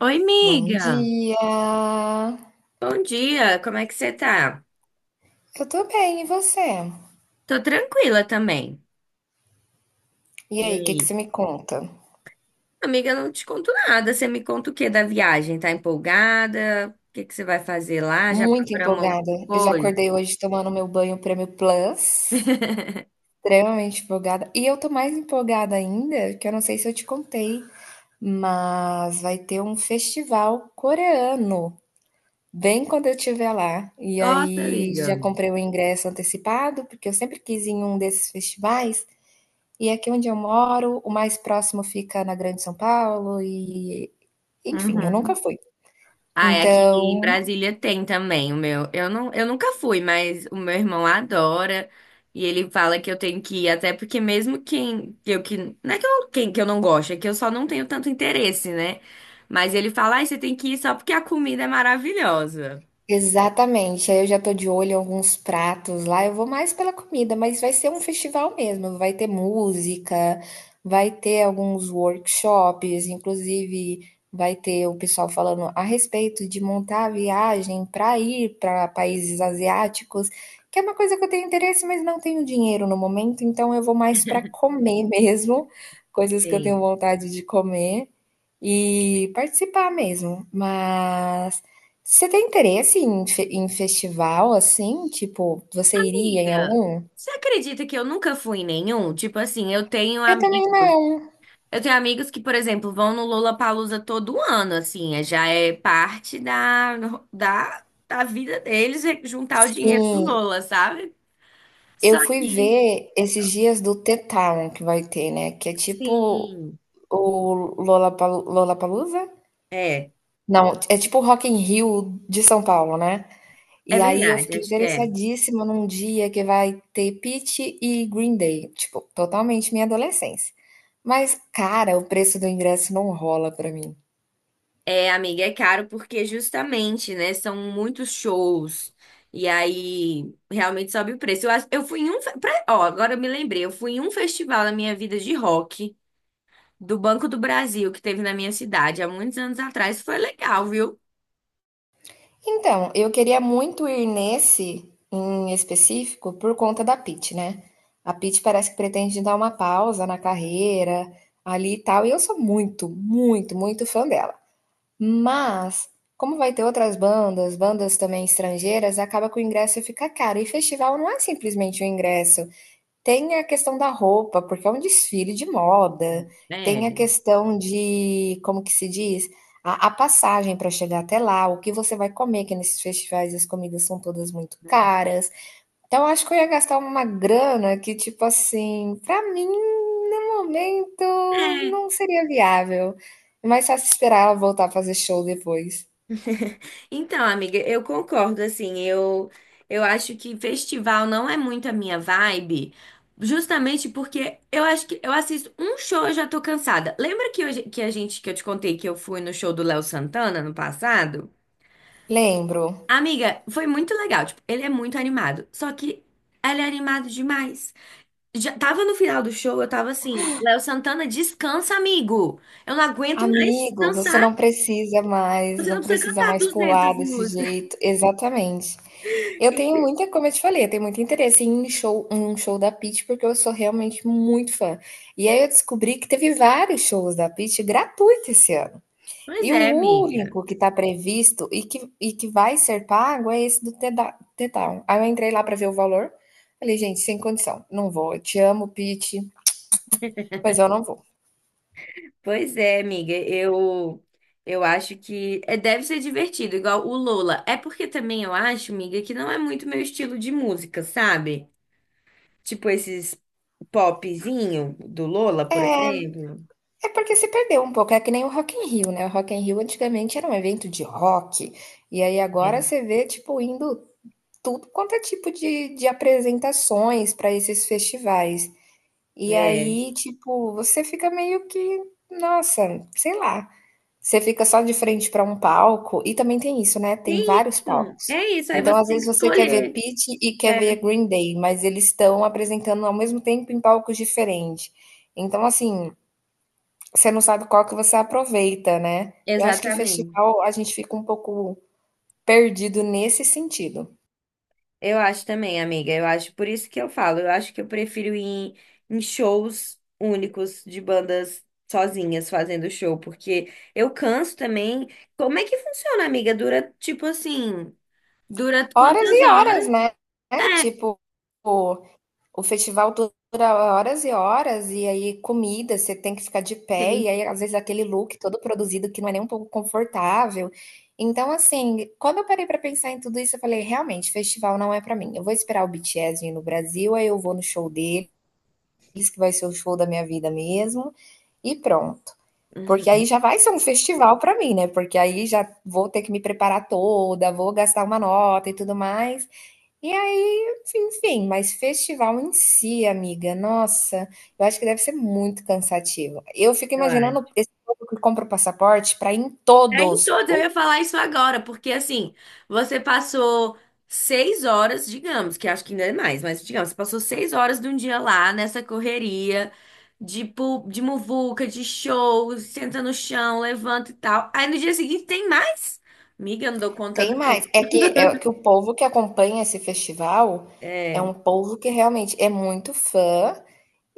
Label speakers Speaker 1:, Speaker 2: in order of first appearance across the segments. Speaker 1: Oi,
Speaker 2: Bom
Speaker 1: amiga.
Speaker 2: dia!
Speaker 1: Bom dia, como é que você tá?
Speaker 2: Eu tô bem, e você?
Speaker 1: Tô tranquila também.
Speaker 2: E
Speaker 1: E
Speaker 2: aí, o que que
Speaker 1: aí?
Speaker 2: você me conta?
Speaker 1: Amiga, eu não te conto nada. Você me conta o que da viagem? Tá empolgada? O que que você vai fazer lá? Já
Speaker 2: Muito
Speaker 1: programou
Speaker 2: empolgada.
Speaker 1: alguma
Speaker 2: Eu já
Speaker 1: coisa?
Speaker 2: acordei hoje tomando meu banho Prêmio Plus, extremamente empolgada. E eu tô mais empolgada ainda, que eu não sei se eu te contei, mas vai ter um festival coreano, bem quando eu estiver lá. E
Speaker 1: Nossa,
Speaker 2: aí
Speaker 1: amiga.
Speaker 2: já comprei o ingresso antecipado, porque eu sempre quis ir em um desses festivais. E aqui onde eu moro, o mais próximo fica na Grande São Paulo e enfim, eu
Speaker 1: Uhum.
Speaker 2: nunca fui.
Speaker 1: Ah, é aqui em
Speaker 2: Então
Speaker 1: Brasília tem também o meu. Eu nunca fui, mas o meu irmão adora e ele fala que eu tenho que ir, até porque mesmo quem eu que não é que eu, quem que eu não gosto, é que eu só não tenho tanto interesse, né? Mas ele fala, ai, você tem que ir só porque a comida é maravilhosa.
Speaker 2: exatamente. Aí eu já tô de olho em alguns pratos lá. Eu vou mais pela comida, mas vai ser um festival mesmo. Vai ter música, vai ter alguns workshops, inclusive vai ter o pessoal falando a respeito de montar a viagem para ir para países asiáticos, que é uma coisa que eu tenho interesse, mas não tenho dinheiro no momento, então eu vou mais para comer mesmo, coisas que eu tenho
Speaker 1: Sim.
Speaker 2: vontade de comer e participar mesmo. Mas você tem interesse em fe em festival, assim? Tipo, você iria em
Speaker 1: Amiga,
Speaker 2: algum?
Speaker 1: você acredita que eu nunca fui em nenhum? Tipo assim, eu tenho
Speaker 2: Eu também
Speaker 1: amigos.
Speaker 2: não.
Speaker 1: Eu tenho amigos que, por exemplo, vão no Lollapalooza todo ano, assim, já é parte da vida deles, é juntar o dinheiro do
Speaker 2: Sim,
Speaker 1: Lola, sabe?
Speaker 2: eu
Speaker 1: Só
Speaker 2: fui
Speaker 1: que,
Speaker 2: ver esses dias do The Town que vai ter, né, que é tipo
Speaker 1: sim,
Speaker 2: o Lollapalooza?
Speaker 1: é,
Speaker 2: Não, é tipo o Rock in Rio de São Paulo, né. E
Speaker 1: é
Speaker 2: aí eu
Speaker 1: verdade,
Speaker 2: fiquei
Speaker 1: acho que é.
Speaker 2: interessadíssima num dia que vai ter Pitty e Green Day, tipo, totalmente minha adolescência. Mas, cara, o preço do ingresso não rola pra mim.
Speaker 1: É, amiga, é caro porque justamente, né, são muitos shows e aí realmente sobe o preço. Eu fui em um, ó, agora eu me lembrei, eu fui em um festival na minha vida de rock do Banco do Brasil que teve na minha cidade há muitos anos atrás, foi legal, viu?
Speaker 2: Então, eu queria muito ir nesse em específico por conta da Pitty, né? A Pitty parece que pretende dar uma pausa na carreira ali e tal, e eu sou muito, muito, muito fã dela. Mas, como vai ter outras bandas, bandas também estrangeiras, acaba que o ingresso fica caro. E festival não é simplesmente o ingresso. Tem a questão da roupa, porque é um desfile de moda. Tem a
Speaker 1: É.
Speaker 2: questão de, como que se diz? A passagem para chegar até lá, o que você vai comer, que nesses festivais as comidas são todas muito caras. Então, eu acho que eu ia gastar uma grana que, tipo assim, para mim, no momento, não seria viável. É mais fácil esperar ela voltar a fazer show depois.
Speaker 1: Então, amiga, eu concordo, assim, eu acho que festival não é muito a minha vibe, justamente porque eu acho que eu assisto um show e já tô cansada. Lembra que, hoje, que eu te contei que eu fui no show do Léo Santana no passado?
Speaker 2: Lembro.
Speaker 1: Amiga, foi muito legal, tipo, ele é muito animado, só que ele é animado demais. Já tava no final do show, eu tava assim, Léo Santana, descansa, amigo, eu não aguento mais
Speaker 2: Amigo, você
Speaker 1: dançar.
Speaker 2: não precisa mais,
Speaker 1: Você não
Speaker 2: não
Speaker 1: precisa
Speaker 2: precisa
Speaker 1: cantar
Speaker 2: mais pular
Speaker 1: 200
Speaker 2: desse
Speaker 1: músicas.
Speaker 2: jeito. Exatamente. Eu tenho muita, como eu te falei, eu tenho muito interesse em um show da Pitty, porque eu sou realmente muito fã. E aí eu descobri que teve vários shows da Pitty gratuitos esse ano.
Speaker 1: Pois
Speaker 2: E
Speaker 1: é,
Speaker 2: o
Speaker 1: amiga.
Speaker 2: único que está previsto e que vai ser pago é esse do The Down. Aí eu entrei lá para ver o valor. Falei, gente, sem condição, não vou. Eu te amo, Pitty, mas eu não vou.
Speaker 1: Pois é, amiga. Eu acho que é, deve ser divertido, igual o Lola. É porque também eu acho, amiga, que não é muito meu estilo de música, sabe? Tipo esses popzinho do Lola, por exemplo.
Speaker 2: É porque se perdeu um pouco, é que nem o Rock in Rio, né? O Rock in Rio antigamente era um evento de rock, e aí
Speaker 1: É.
Speaker 2: agora você vê, tipo, indo tudo quanto é tipo de apresentações para esses festivais. E
Speaker 1: É.
Speaker 2: aí, tipo, você fica meio que, nossa, sei lá. Você fica só de frente para um palco, e também tem isso, né? Tem
Speaker 1: Tem
Speaker 2: vários
Speaker 1: isso.
Speaker 2: palcos.
Speaker 1: É isso. Aí
Speaker 2: Então,
Speaker 1: você
Speaker 2: às
Speaker 1: tem
Speaker 2: vezes,
Speaker 1: que
Speaker 2: você quer ver
Speaker 1: escolher.
Speaker 2: Pitty e quer ver
Speaker 1: É.
Speaker 2: Green Day, mas eles estão apresentando ao mesmo tempo em palcos diferentes. Então, assim, você não sabe qual que você aproveita, né? Eu acho que
Speaker 1: Exatamente.
Speaker 2: festival a gente fica um pouco perdido nesse sentido.
Speaker 1: Eu acho também, amiga. Eu acho, por isso que eu falo, eu acho que eu prefiro ir em shows únicos de bandas sozinhas fazendo show, porque eu canso também. Como é que funciona, amiga? Dura
Speaker 2: Horas
Speaker 1: quantas
Speaker 2: e horas,
Speaker 1: horas?
Speaker 2: né? É,
Speaker 1: É,
Speaker 2: tipo, o, o festival dura horas e horas, e aí comida, você tem que ficar de pé,
Speaker 1: tem.
Speaker 2: e aí às vezes aquele look todo produzido que não é nem um pouco confortável. Então, assim, quando eu parei pra pensar em tudo isso, eu falei, realmente, festival não é pra mim. Eu vou esperar o BTS vir no Brasil, aí eu vou no show deles, que vai ser o show da minha vida mesmo, e pronto. Porque
Speaker 1: Uhum,
Speaker 2: aí já vai ser um festival pra mim, né? Porque aí já vou ter que me preparar toda, vou gastar uma nota e tudo mais. E aí, enfim, mas festival em si, amiga, nossa, eu acho que deve ser muito cansativo. Eu fico
Speaker 1: eu
Speaker 2: imaginando
Speaker 1: acho.
Speaker 2: esse povo que compra o passaporte para ir em
Speaker 1: É em
Speaker 2: todos.
Speaker 1: todos, eu ia falar isso agora, porque assim, você passou seis horas, digamos, que acho que ainda é mais, mas digamos, você passou seis horas de um dia lá nessa correria de, de muvuca, de show, senta no chão, levanta e tal. Aí no dia seguinte tem mais? Miga, eu não dou conta,
Speaker 2: Tem
Speaker 1: não.
Speaker 2: mais. É que o povo que acompanha esse festival é
Speaker 1: É,
Speaker 2: um povo que realmente é muito fã.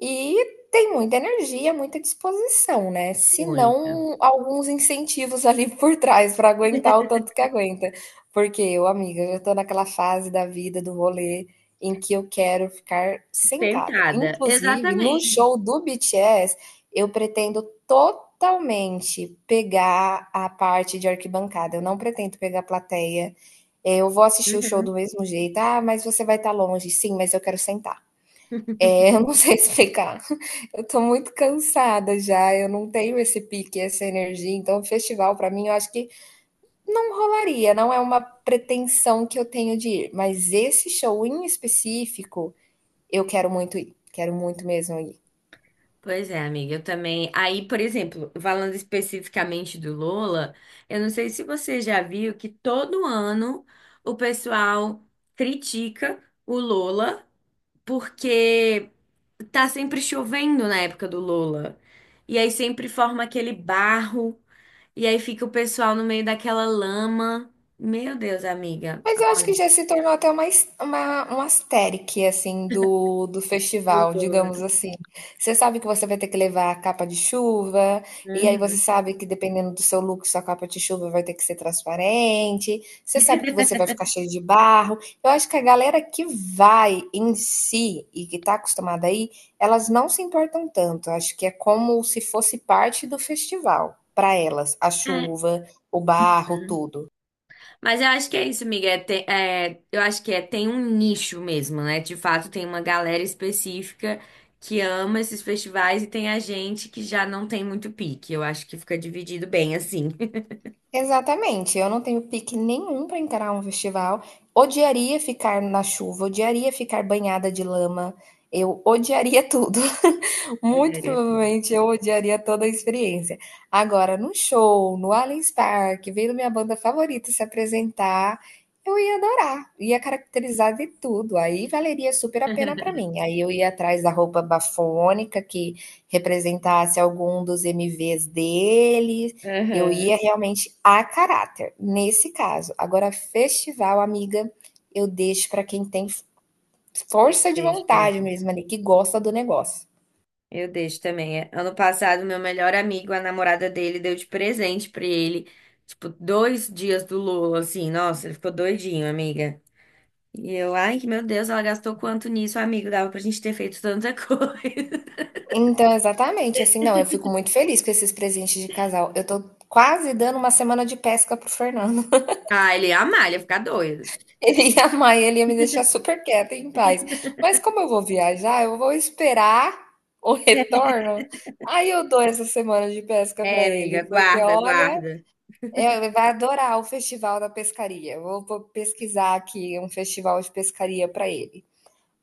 Speaker 2: E tem muita energia, muita disposição, né, se
Speaker 1: muito.
Speaker 2: não alguns incentivos ali por trás para aguentar o tanto que aguenta. Porque eu, amiga, já estou naquela fase da vida, do rolê, em que eu quero ficar sentada.
Speaker 1: Tentada,
Speaker 2: Inclusive, no
Speaker 1: exatamente.
Speaker 2: show do BTS, eu pretendo totalmente pegar a parte de arquibancada, eu não pretendo pegar a plateia. Eu vou assistir o show do
Speaker 1: Uhum.
Speaker 2: mesmo jeito: "Ah, mas você vai estar longe". "Sim, mas eu quero sentar". Eu não sei explicar. Eu tô muito cansada já, eu não tenho esse pique, essa energia, então festival pra mim eu acho que não rolaria, não é uma pretensão que eu tenho de ir, mas esse show em específico eu quero muito ir, quero muito mesmo ir.
Speaker 1: Pois é, amiga, eu também. Aí, por exemplo, falando especificamente do Lola, eu não sei se você já viu que todo ano o pessoal critica o Lola porque tá sempre chovendo na época do Lola. E aí sempre forma aquele barro, e aí fica o pessoal no meio daquela lama. Meu Deus, amiga.
Speaker 2: Mas eu acho
Speaker 1: Olha,
Speaker 2: que já se tornou até um asterique, assim, do
Speaker 1: o
Speaker 2: festival,
Speaker 1: Lola.
Speaker 2: digamos assim. Você sabe que você vai ter que levar a capa de chuva, e aí você
Speaker 1: Uhum.
Speaker 2: sabe que dependendo do seu look, sua capa de chuva vai ter que ser transparente, você sabe que você vai ficar cheio de barro. Eu acho que a galera que vai em si e que tá acostumada aí, elas não se importam tanto. Eu acho que é como se fosse parte do festival, para elas, a
Speaker 1: É.
Speaker 2: chuva, o barro, tudo.
Speaker 1: Mas eu acho que é isso, amiga. Eu acho que é, tem um nicho mesmo, né? De fato, tem uma galera específica que ama esses festivais e tem a gente que já não tem muito pique. Eu acho que fica dividido bem assim.
Speaker 2: Exatamente, eu não tenho pique nenhum para encarar um festival. Odiaria ficar na chuva, odiaria ficar banhada de lama, eu odiaria tudo. Muito
Speaker 1: Olharia tudo.
Speaker 2: provavelmente eu odiaria toda a experiência. Agora, num show, no Allianz Parque, vendo minha banda favorita se apresentar, eu ia adorar, ia caracterizar de tudo. Aí valeria super a pena para mim. Aí eu ia atrás da roupa bafônica que representasse algum dos MVs dele. Eu
Speaker 1: Aham,
Speaker 2: ia realmente a caráter, nesse caso. Agora, festival, amiga, eu deixo para quem tem
Speaker 1: eu
Speaker 2: força de
Speaker 1: deixo
Speaker 2: vontade
Speaker 1: também.
Speaker 2: mesmo ali, que gosta do negócio.
Speaker 1: Eu deixo também. É. Ano passado, meu melhor amigo, a namorada dele, deu de presente pra ele, tipo, dois dias do Lula, assim. Nossa, ele ficou doidinho, amiga. E eu, ai, meu Deus, ela gastou quanto nisso, amigo? Dava pra gente ter feito tanta coisa.
Speaker 2: Então, exatamente, assim, não, eu fico muito feliz com esses presentes de casal. Eu tô quase dando uma semana de pesca pro Fernando.
Speaker 1: Ah, ele ia amar, ele ia ficar doido.
Speaker 2: Ele ia amar, ele ia me deixar super quieta e em paz. Mas como eu vou viajar, eu vou esperar o retorno. Aí eu dou essa semana de pesca pra
Speaker 1: É, amiga,
Speaker 2: ele, porque
Speaker 1: guarda,
Speaker 2: olha,
Speaker 1: guarda.
Speaker 2: é, ele vai adorar o festival da pescaria. Eu vou pesquisar aqui um festival de pescaria pra ele.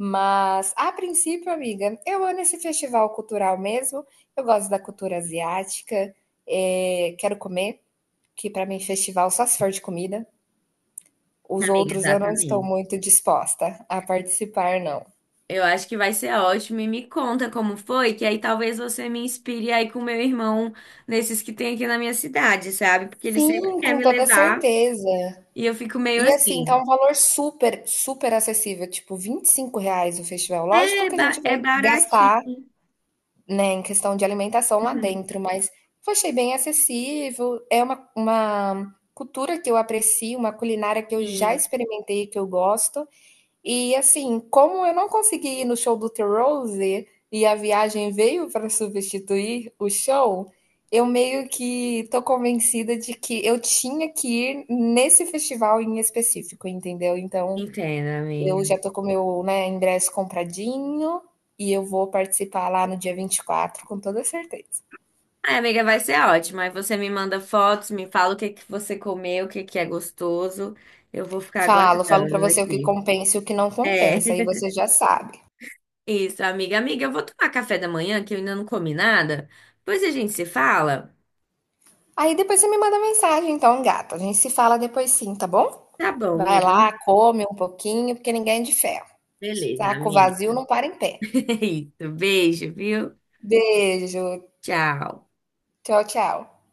Speaker 2: Mas, a princípio, amiga, eu amo esse festival cultural mesmo. Eu gosto da cultura asiática. Quero comer, que para mim festival só se for de comida. Os
Speaker 1: Amiga,
Speaker 2: outros eu não estou
Speaker 1: exatamente.
Speaker 2: muito disposta a participar, não.
Speaker 1: Eu acho que vai ser ótimo e me conta como foi, que aí talvez você me inspire aí com meu irmão nesses que tem aqui na minha cidade, sabe? Porque ele sempre
Speaker 2: Sim,
Speaker 1: quer
Speaker 2: com
Speaker 1: me
Speaker 2: toda
Speaker 1: levar
Speaker 2: certeza.
Speaker 1: e eu fico meio
Speaker 2: E assim, tá
Speaker 1: assim,
Speaker 2: um valor super, super acessível, tipo R$ 25 o festival. Lógico
Speaker 1: é,
Speaker 2: que a gente
Speaker 1: é
Speaker 2: vai gastar,
Speaker 1: baratinho.
Speaker 2: né, em questão de alimentação lá
Speaker 1: Uhum.
Speaker 2: dentro, mas eu achei bem acessível, é uma cultura que eu aprecio, uma culinária que eu já
Speaker 1: Sim,
Speaker 2: experimentei, que eu gosto. E, assim, como eu não consegui ir no show do The Rose, e a viagem veio para substituir o show, eu meio que tô convencida de que eu tinha que ir nesse festival em específico, entendeu. Então,
Speaker 1: entendo, amiga.
Speaker 2: eu já tô com o meu, né, ingresso compradinho e eu vou participar lá no dia 24 com toda certeza.
Speaker 1: Ai, amiga, vai ser ótimo. Aí você me manda fotos, me fala o que que você comeu, o que que é gostoso. Eu vou ficar
Speaker 2: Falo, falo pra
Speaker 1: aguardando
Speaker 2: você o que
Speaker 1: aqui.
Speaker 2: compensa e o que não compensa, aí
Speaker 1: É.
Speaker 2: você já sabe.
Speaker 1: Isso, amiga. Amiga, eu vou tomar café da manhã, que eu ainda não comi nada. Depois a gente se fala.
Speaker 2: Aí depois você me manda mensagem, então, gata. A gente se fala depois sim, tá bom?
Speaker 1: Tá bom,
Speaker 2: Vai
Speaker 1: amiga.
Speaker 2: lá, come um pouquinho, porque ninguém é de ferro.
Speaker 1: Beleza,
Speaker 2: Saco
Speaker 1: amiga.
Speaker 2: vazio não para em pé.
Speaker 1: É isso. Beijo, viu?
Speaker 2: Beijo.
Speaker 1: Tchau.
Speaker 2: Tchau, tchau.